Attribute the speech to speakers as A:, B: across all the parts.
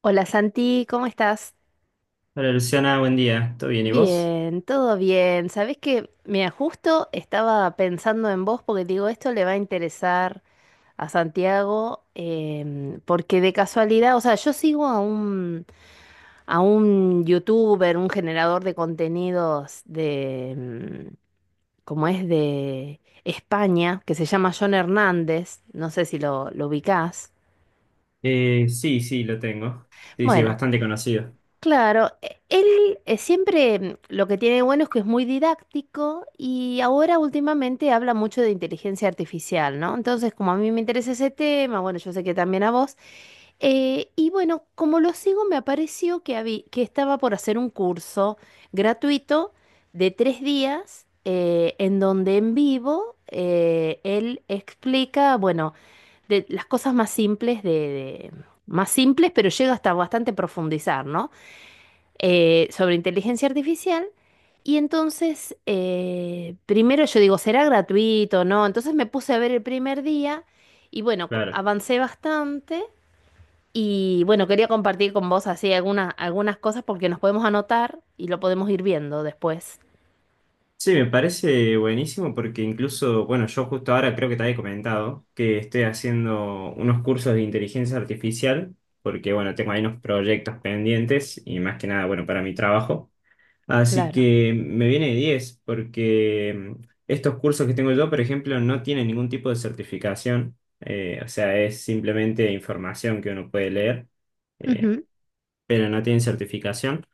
A: Hola Santi, ¿cómo estás?
B: Hola Luciana, buen día. ¿Todo bien y vos?
A: Bien, todo bien. Sabés que, mira, justo estaba pensando en vos porque digo, esto le va a interesar a Santiago, porque de casualidad, o sea, yo sigo a a un youtuber, un generador de contenidos de, como es de España, que se llama John Hernández, no sé si lo ubicás.
B: Sí, sí, lo tengo. Sí, sí, es
A: Bueno.
B: bastante conocido.
A: Claro, él siempre lo que tiene bueno es que es muy didáctico y ahora últimamente habla mucho de inteligencia artificial, ¿no? Entonces, como a mí me interesa ese tema, bueno, yo sé que también a vos, y bueno, como lo sigo, me apareció que estaba por hacer un curso gratuito de tres días en donde en vivo él explica, bueno, de las cosas más simples más simples, pero llega hasta bastante profundizar, ¿no? Sobre inteligencia artificial. Y entonces, primero yo digo, ¿será gratuito? No. Entonces me puse a ver el primer día y bueno,
B: Claro.
A: avancé bastante. Y bueno, quería compartir con vos así algunas cosas porque nos podemos anotar y lo podemos ir viendo después.
B: Sí, me parece buenísimo porque incluso, bueno, yo justo ahora creo que te había comentado que estoy haciendo unos cursos de inteligencia artificial porque, bueno, tengo ahí unos proyectos pendientes y más que nada, bueno, para mi trabajo. Así
A: Claro.
B: que me viene de 10 porque estos cursos que tengo yo, por ejemplo, no tienen ningún tipo de certificación, o sea, es simplemente información que uno puede leer, eh, pero no tienen certificación.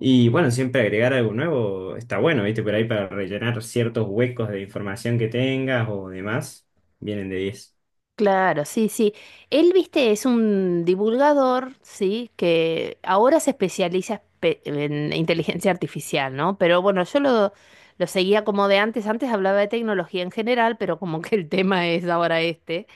B: Y bueno, siempre agregar algo nuevo está bueno, ¿viste? Por ahí para rellenar ciertos huecos de información que tengas o demás, vienen de diez.
A: Claro, sí, sí. Él, viste, es un divulgador, sí, que ahora se especializa en inteligencia artificial, ¿no? Pero bueno, lo seguía como de antes. Antes hablaba de tecnología en general, pero como que el tema es ahora este.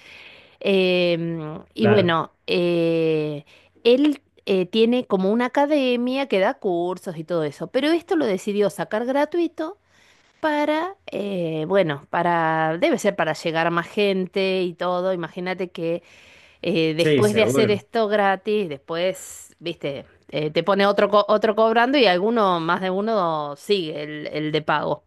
A: Y
B: Claro,
A: bueno, él tiene como una academia que da cursos y todo eso, pero esto lo decidió sacar gratuito para, bueno, para, debe ser para llegar a más gente y todo. Imagínate que
B: sí,
A: después de hacer
B: seguro.
A: esto gratis, después, viste, te pone otro cobrando y alguno, más de uno, sigue el de pago.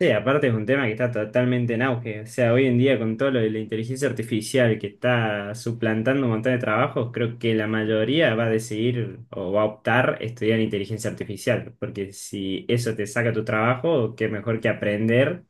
B: Sí, aparte es un tema que está totalmente en auge. O sea, hoy en día con todo lo de la inteligencia artificial que está suplantando un montón de trabajos, creo que la mayoría va a decidir o va a optar estudiar inteligencia artificial, porque si eso te saca tu trabajo, qué mejor que aprender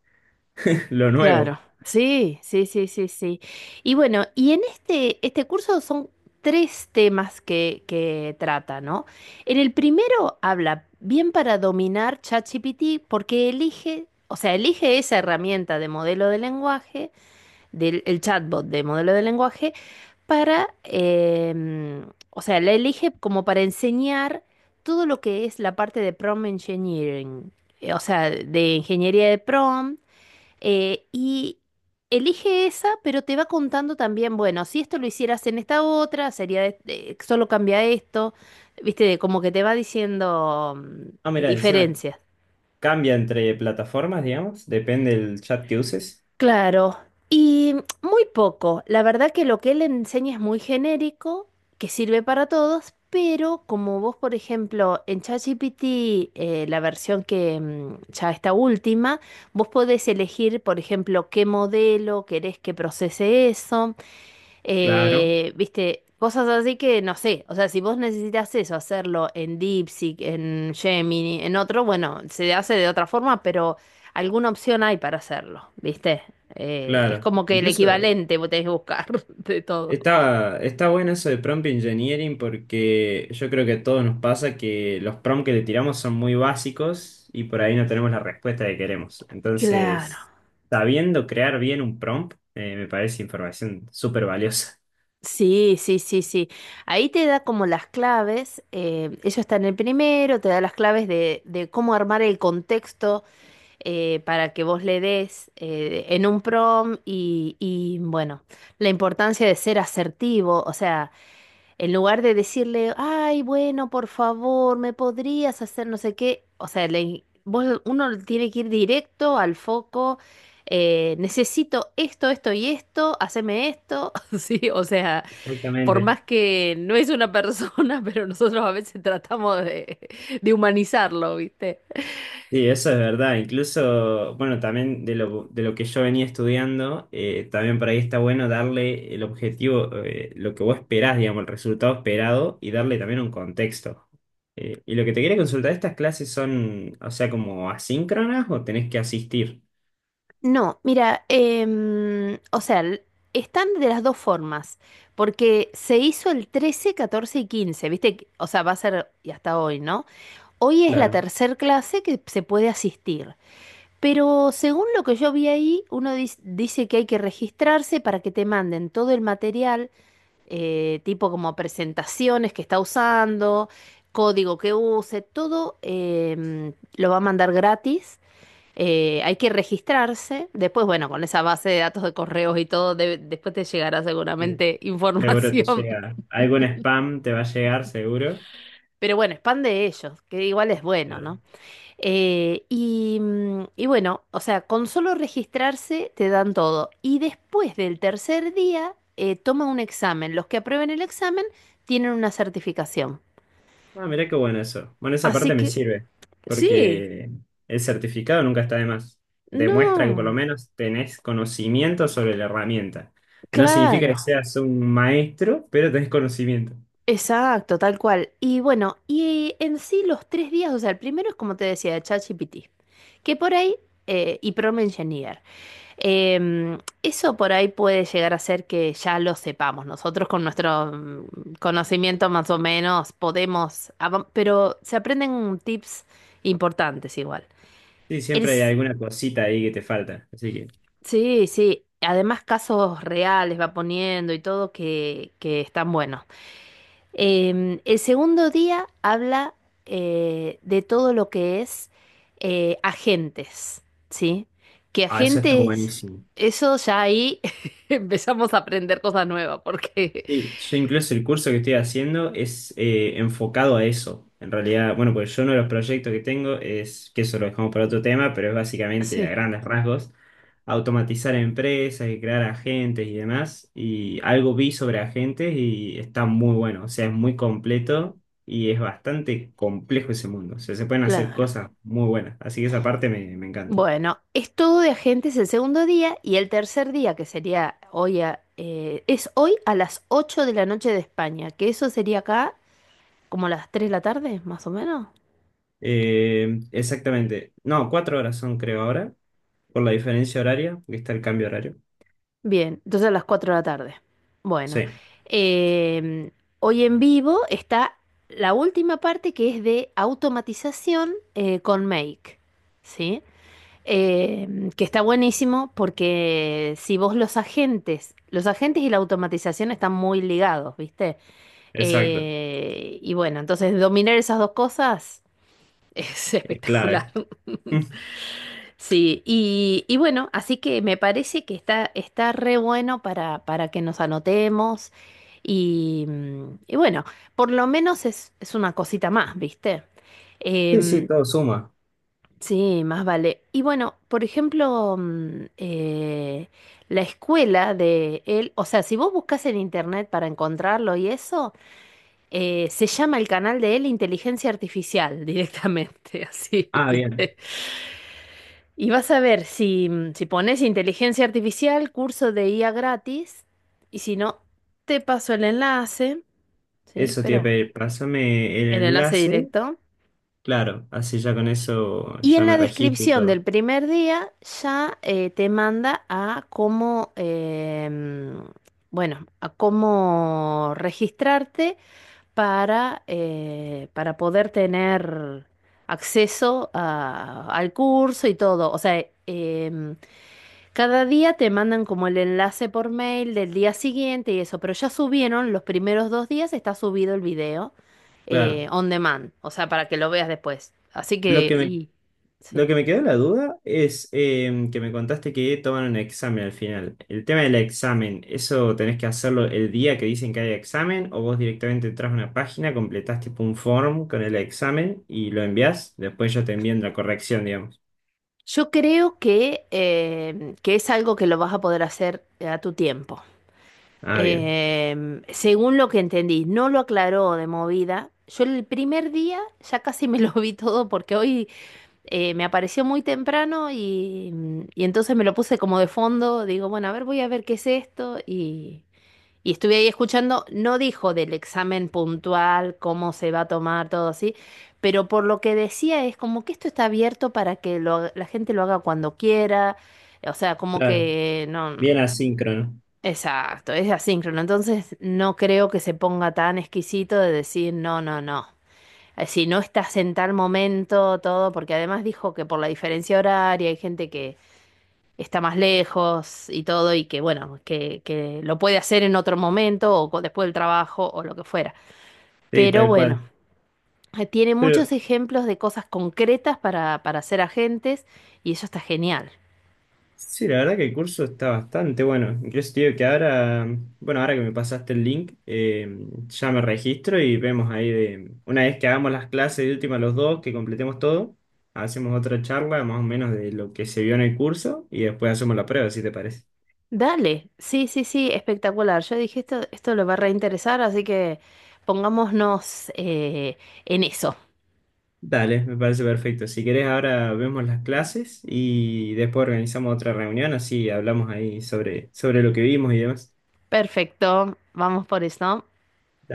B: lo
A: Claro,
B: nuevo.
A: sí, sí, sí, sí, sí. Y bueno, y en este curso son tres temas que trata, ¿no? En el primero habla bien para dominar ChatGPT porque elige, o sea, elige esa herramienta de modelo de lenguaje, del el chatbot de modelo de lenguaje, para, o sea, la elige como para enseñar todo lo que es la parte de prompt engineering, o sea, de ingeniería de prompt y elige esa, pero te va contando también, bueno, si esto lo hicieras en esta otra, sería solo cambia esto, viste, como que te va diciendo
B: Ah, mira, encima
A: diferencias.
B: cambia entre plataformas, digamos, depende del chat que uses.
A: Claro, y muy poco. La verdad que lo que él enseña es muy genérico, que sirve para todos, pero como vos, por ejemplo, en ChatGPT, la versión que ya está última, vos podés elegir, por ejemplo, qué modelo querés que procese eso.
B: Claro,
A: Viste, cosas así que no sé. O sea, si vos necesitas eso, hacerlo en DeepSeek, en Gemini, en otro, bueno, se hace de otra forma, pero alguna opción hay para hacerlo, ¿viste? Es
B: claro.
A: como que el
B: Incluso,
A: equivalente vos tenés que buscar de todo.
B: está bueno eso de prompt engineering porque yo creo que a todos nos pasa que los prompts que le tiramos son muy básicos y por ahí no tenemos la respuesta que queremos.
A: Claro.
B: Entonces, sabiendo crear bien un prompt, me parece información súper valiosa.
A: Sí, sí, sí, sí. Ahí te da como las claves, ellos están en el primero, te da las claves de cómo armar el contexto para que vos le des en un prom bueno, la importancia de ser asertivo, o sea, en lugar de decirle, ay, bueno, por favor, me podrías hacer no sé qué, o sea, uno tiene que ir directo al foco, necesito esto, esto y esto, haceme esto, sí, o sea, por
B: Exactamente.
A: más que no es una persona, pero nosotros a veces tratamos de humanizarlo, ¿viste?
B: Sí, eso es verdad. Incluso, bueno, también de lo que yo venía estudiando, también por ahí está bueno darle el objetivo, lo que vos esperás, digamos, el resultado esperado y darle también un contexto. Y lo que te quería consultar, ¿estas clases son, o sea, como asíncronas o tenés que asistir?
A: No, mira, o sea, están de las dos formas, porque se hizo el 13, 14 y 15, ¿viste? Que- O sea, va a ser y hasta hoy, ¿no? Hoy es la
B: Claro.
A: tercer clase que se puede asistir, pero según lo que yo vi ahí, uno dice que hay que registrarse para que te manden todo el material, tipo como presentaciones que está usando, código que use, todo lo va a mandar gratis. Hay que registrarse. Después, bueno, con esa base de datos de correos y todo, después te llegará
B: Sí.
A: seguramente
B: Seguro te
A: información.
B: llega. Algún spam te va a llegar, seguro.
A: Pero bueno, es pan de ellos, que igual es bueno, ¿no? Y bueno, o sea, con solo registrarse te dan todo. Y después del tercer día, toma un examen. Los que aprueben el examen tienen una certificación.
B: Ah, mirá qué bueno eso. Bueno, esa
A: Así
B: parte me
A: que,
B: sirve,
A: sí,
B: porque el certificado nunca está de más. Demuestra que por lo
A: no,
B: menos tenés conocimiento sobre la herramienta. No significa que
A: claro.
B: seas un maestro, pero tenés conocimiento.
A: Exacto, tal cual. Y bueno, y en sí los tres días, o sea, el primero es como te decía, de ChatGPT, que por ahí, y Prompt Engineer, eso por ahí puede llegar a ser que ya lo sepamos. Nosotros con nuestro conocimiento más o menos podemos, pero se aprenden tips importantes igual.
B: Sí,
A: El
B: siempre hay
A: s-
B: alguna cosita ahí que te falta. Así que,
A: sí, sí, además casos reales va poniendo y todo que están buenos. El segundo día habla de todo lo que es agentes, ¿sí? Que
B: ah, eso está
A: agentes,
B: buenísimo.
A: eso ya ahí empezamos a aprender cosas nuevas, porque…
B: Sí, yo incluso el curso que estoy haciendo es enfocado a eso. En realidad, bueno, pues yo uno de los proyectos que tengo es, que eso lo dejamos para otro tema, pero es básicamente a
A: Sí,
B: grandes rasgos, automatizar empresas y crear agentes y demás. Y algo vi sobre agentes y está muy bueno, o sea, es muy completo y es bastante complejo ese mundo. O sea, se pueden hacer
A: claro.
B: cosas muy buenas. Así que esa parte me encanta.
A: Bueno, es todo de agentes el segundo día y el tercer día, que sería hoy, es hoy a las 8 de la noche de España, que eso sería acá como las 3 de la tarde, más o menos.
B: Exactamente. No, 4 horas son creo ahora, por la diferencia horaria, porque está el cambio horario.
A: Bien, entonces a las 4 de la tarde. Bueno,
B: Sí,
A: em, hoy en vivo está la última parte que es de automatización con Make, ¿sí? Que está buenísimo porque si vos los agentes y la automatización están muy ligados, ¿viste?
B: exacto.
A: Y bueno, entonces dominar esas dos cosas es
B: Es
A: espectacular.
B: clave. Mm,
A: Sí, bueno, así que me parece que está, está re bueno para que nos anotemos y bueno, por lo menos es una cosita más, ¿viste?
B: sí, sí,
A: Em,
B: todo suma.
A: sí, más vale. Y bueno, por ejemplo, la escuela de él, o sea, si vos buscas en internet para encontrarlo y eso, se llama el canal de él Inteligencia Artificial directamente, así,
B: Ah, bien.
A: ¿viste? Y vas a ver si pones inteligencia artificial, curso de IA gratis, y si no, te paso el enlace, ¿sí?
B: Eso te iba a
A: Pero
B: pedir. Pásame el
A: el enlace
B: enlace.
A: directo.
B: Claro, así ya con eso
A: Y
B: ya
A: en
B: me
A: la
B: registro y
A: descripción
B: todo.
A: del primer día ya te manda a cómo, bueno, a cómo registrarte para poder tener acceso al curso y todo. O sea, em, cada día te mandan como el enlace por mail del día siguiente y eso, pero ya subieron los primeros dos días, está subido el video
B: Claro.
A: on demand, o sea, para que lo veas después. Así
B: Lo
A: que,
B: que me,
A: y
B: lo
A: sí.
B: que me quedó la duda es que me contaste que toman un examen al final. El tema del examen, ¿eso tenés que hacerlo el día que dicen que hay examen o vos directamente entras a una página, completás tipo un form con el examen y lo envías? Después yo te envían la corrección, digamos.
A: Yo creo que es algo que lo vas a poder hacer a tu tiempo.
B: Ah, bien.
A: Según lo que entendí, no lo aclaró de movida. Yo el primer día ya casi me lo vi todo porque hoy me apareció muy temprano y entonces me lo puse como de fondo. Digo, bueno, a ver, voy a ver qué es esto. Y estuve ahí escuchando. No dijo del examen puntual, cómo se va a tomar, todo así. Pero por lo que decía es como que esto está abierto para que la gente lo haga cuando quiera. O sea, como
B: Claro.
A: que no.
B: Bien asíncrono,
A: Exacto, es asíncrono. Entonces no creo que se ponga tan exquisito de decir, no, no, no si no estás en tal momento, todo, porque además dijo que por la diferencia horaria hay gente que está más lejos y todo, y que bueno, que lo puede hacer en otro momento o después del trabajo o lo que fuera.
B: sí,
A: Pero
B: tal
A: bueno,
B: cual.
A: tiene
B: Pero
A: muchos ejemplos de cosas concretas para ser agentes y eso está genial.
B: sí, la verdad que el curso está bastante bueno. Incluso te digo que ahora, bueno, ahora que me pasaste el link, ya me registro y vemos ahí de, una vez que hagamos las clases de última los dos, que completemos todo, hacemos otra charla más o menos de lo que se vio en el curso y después hacemos la prueba, si te parece.
A: Dale, sí, sí, sí, espectacular. Yo dije, esto le va a reinteresar, así que pongámonos en eso.
B: Dale, me parece perfecto. Si querés, ahora vemos las clases y después organizamos otra reunión, así hablamos ahí sobre lo que vimos y demás.
A: Perfecto, vamos por eso.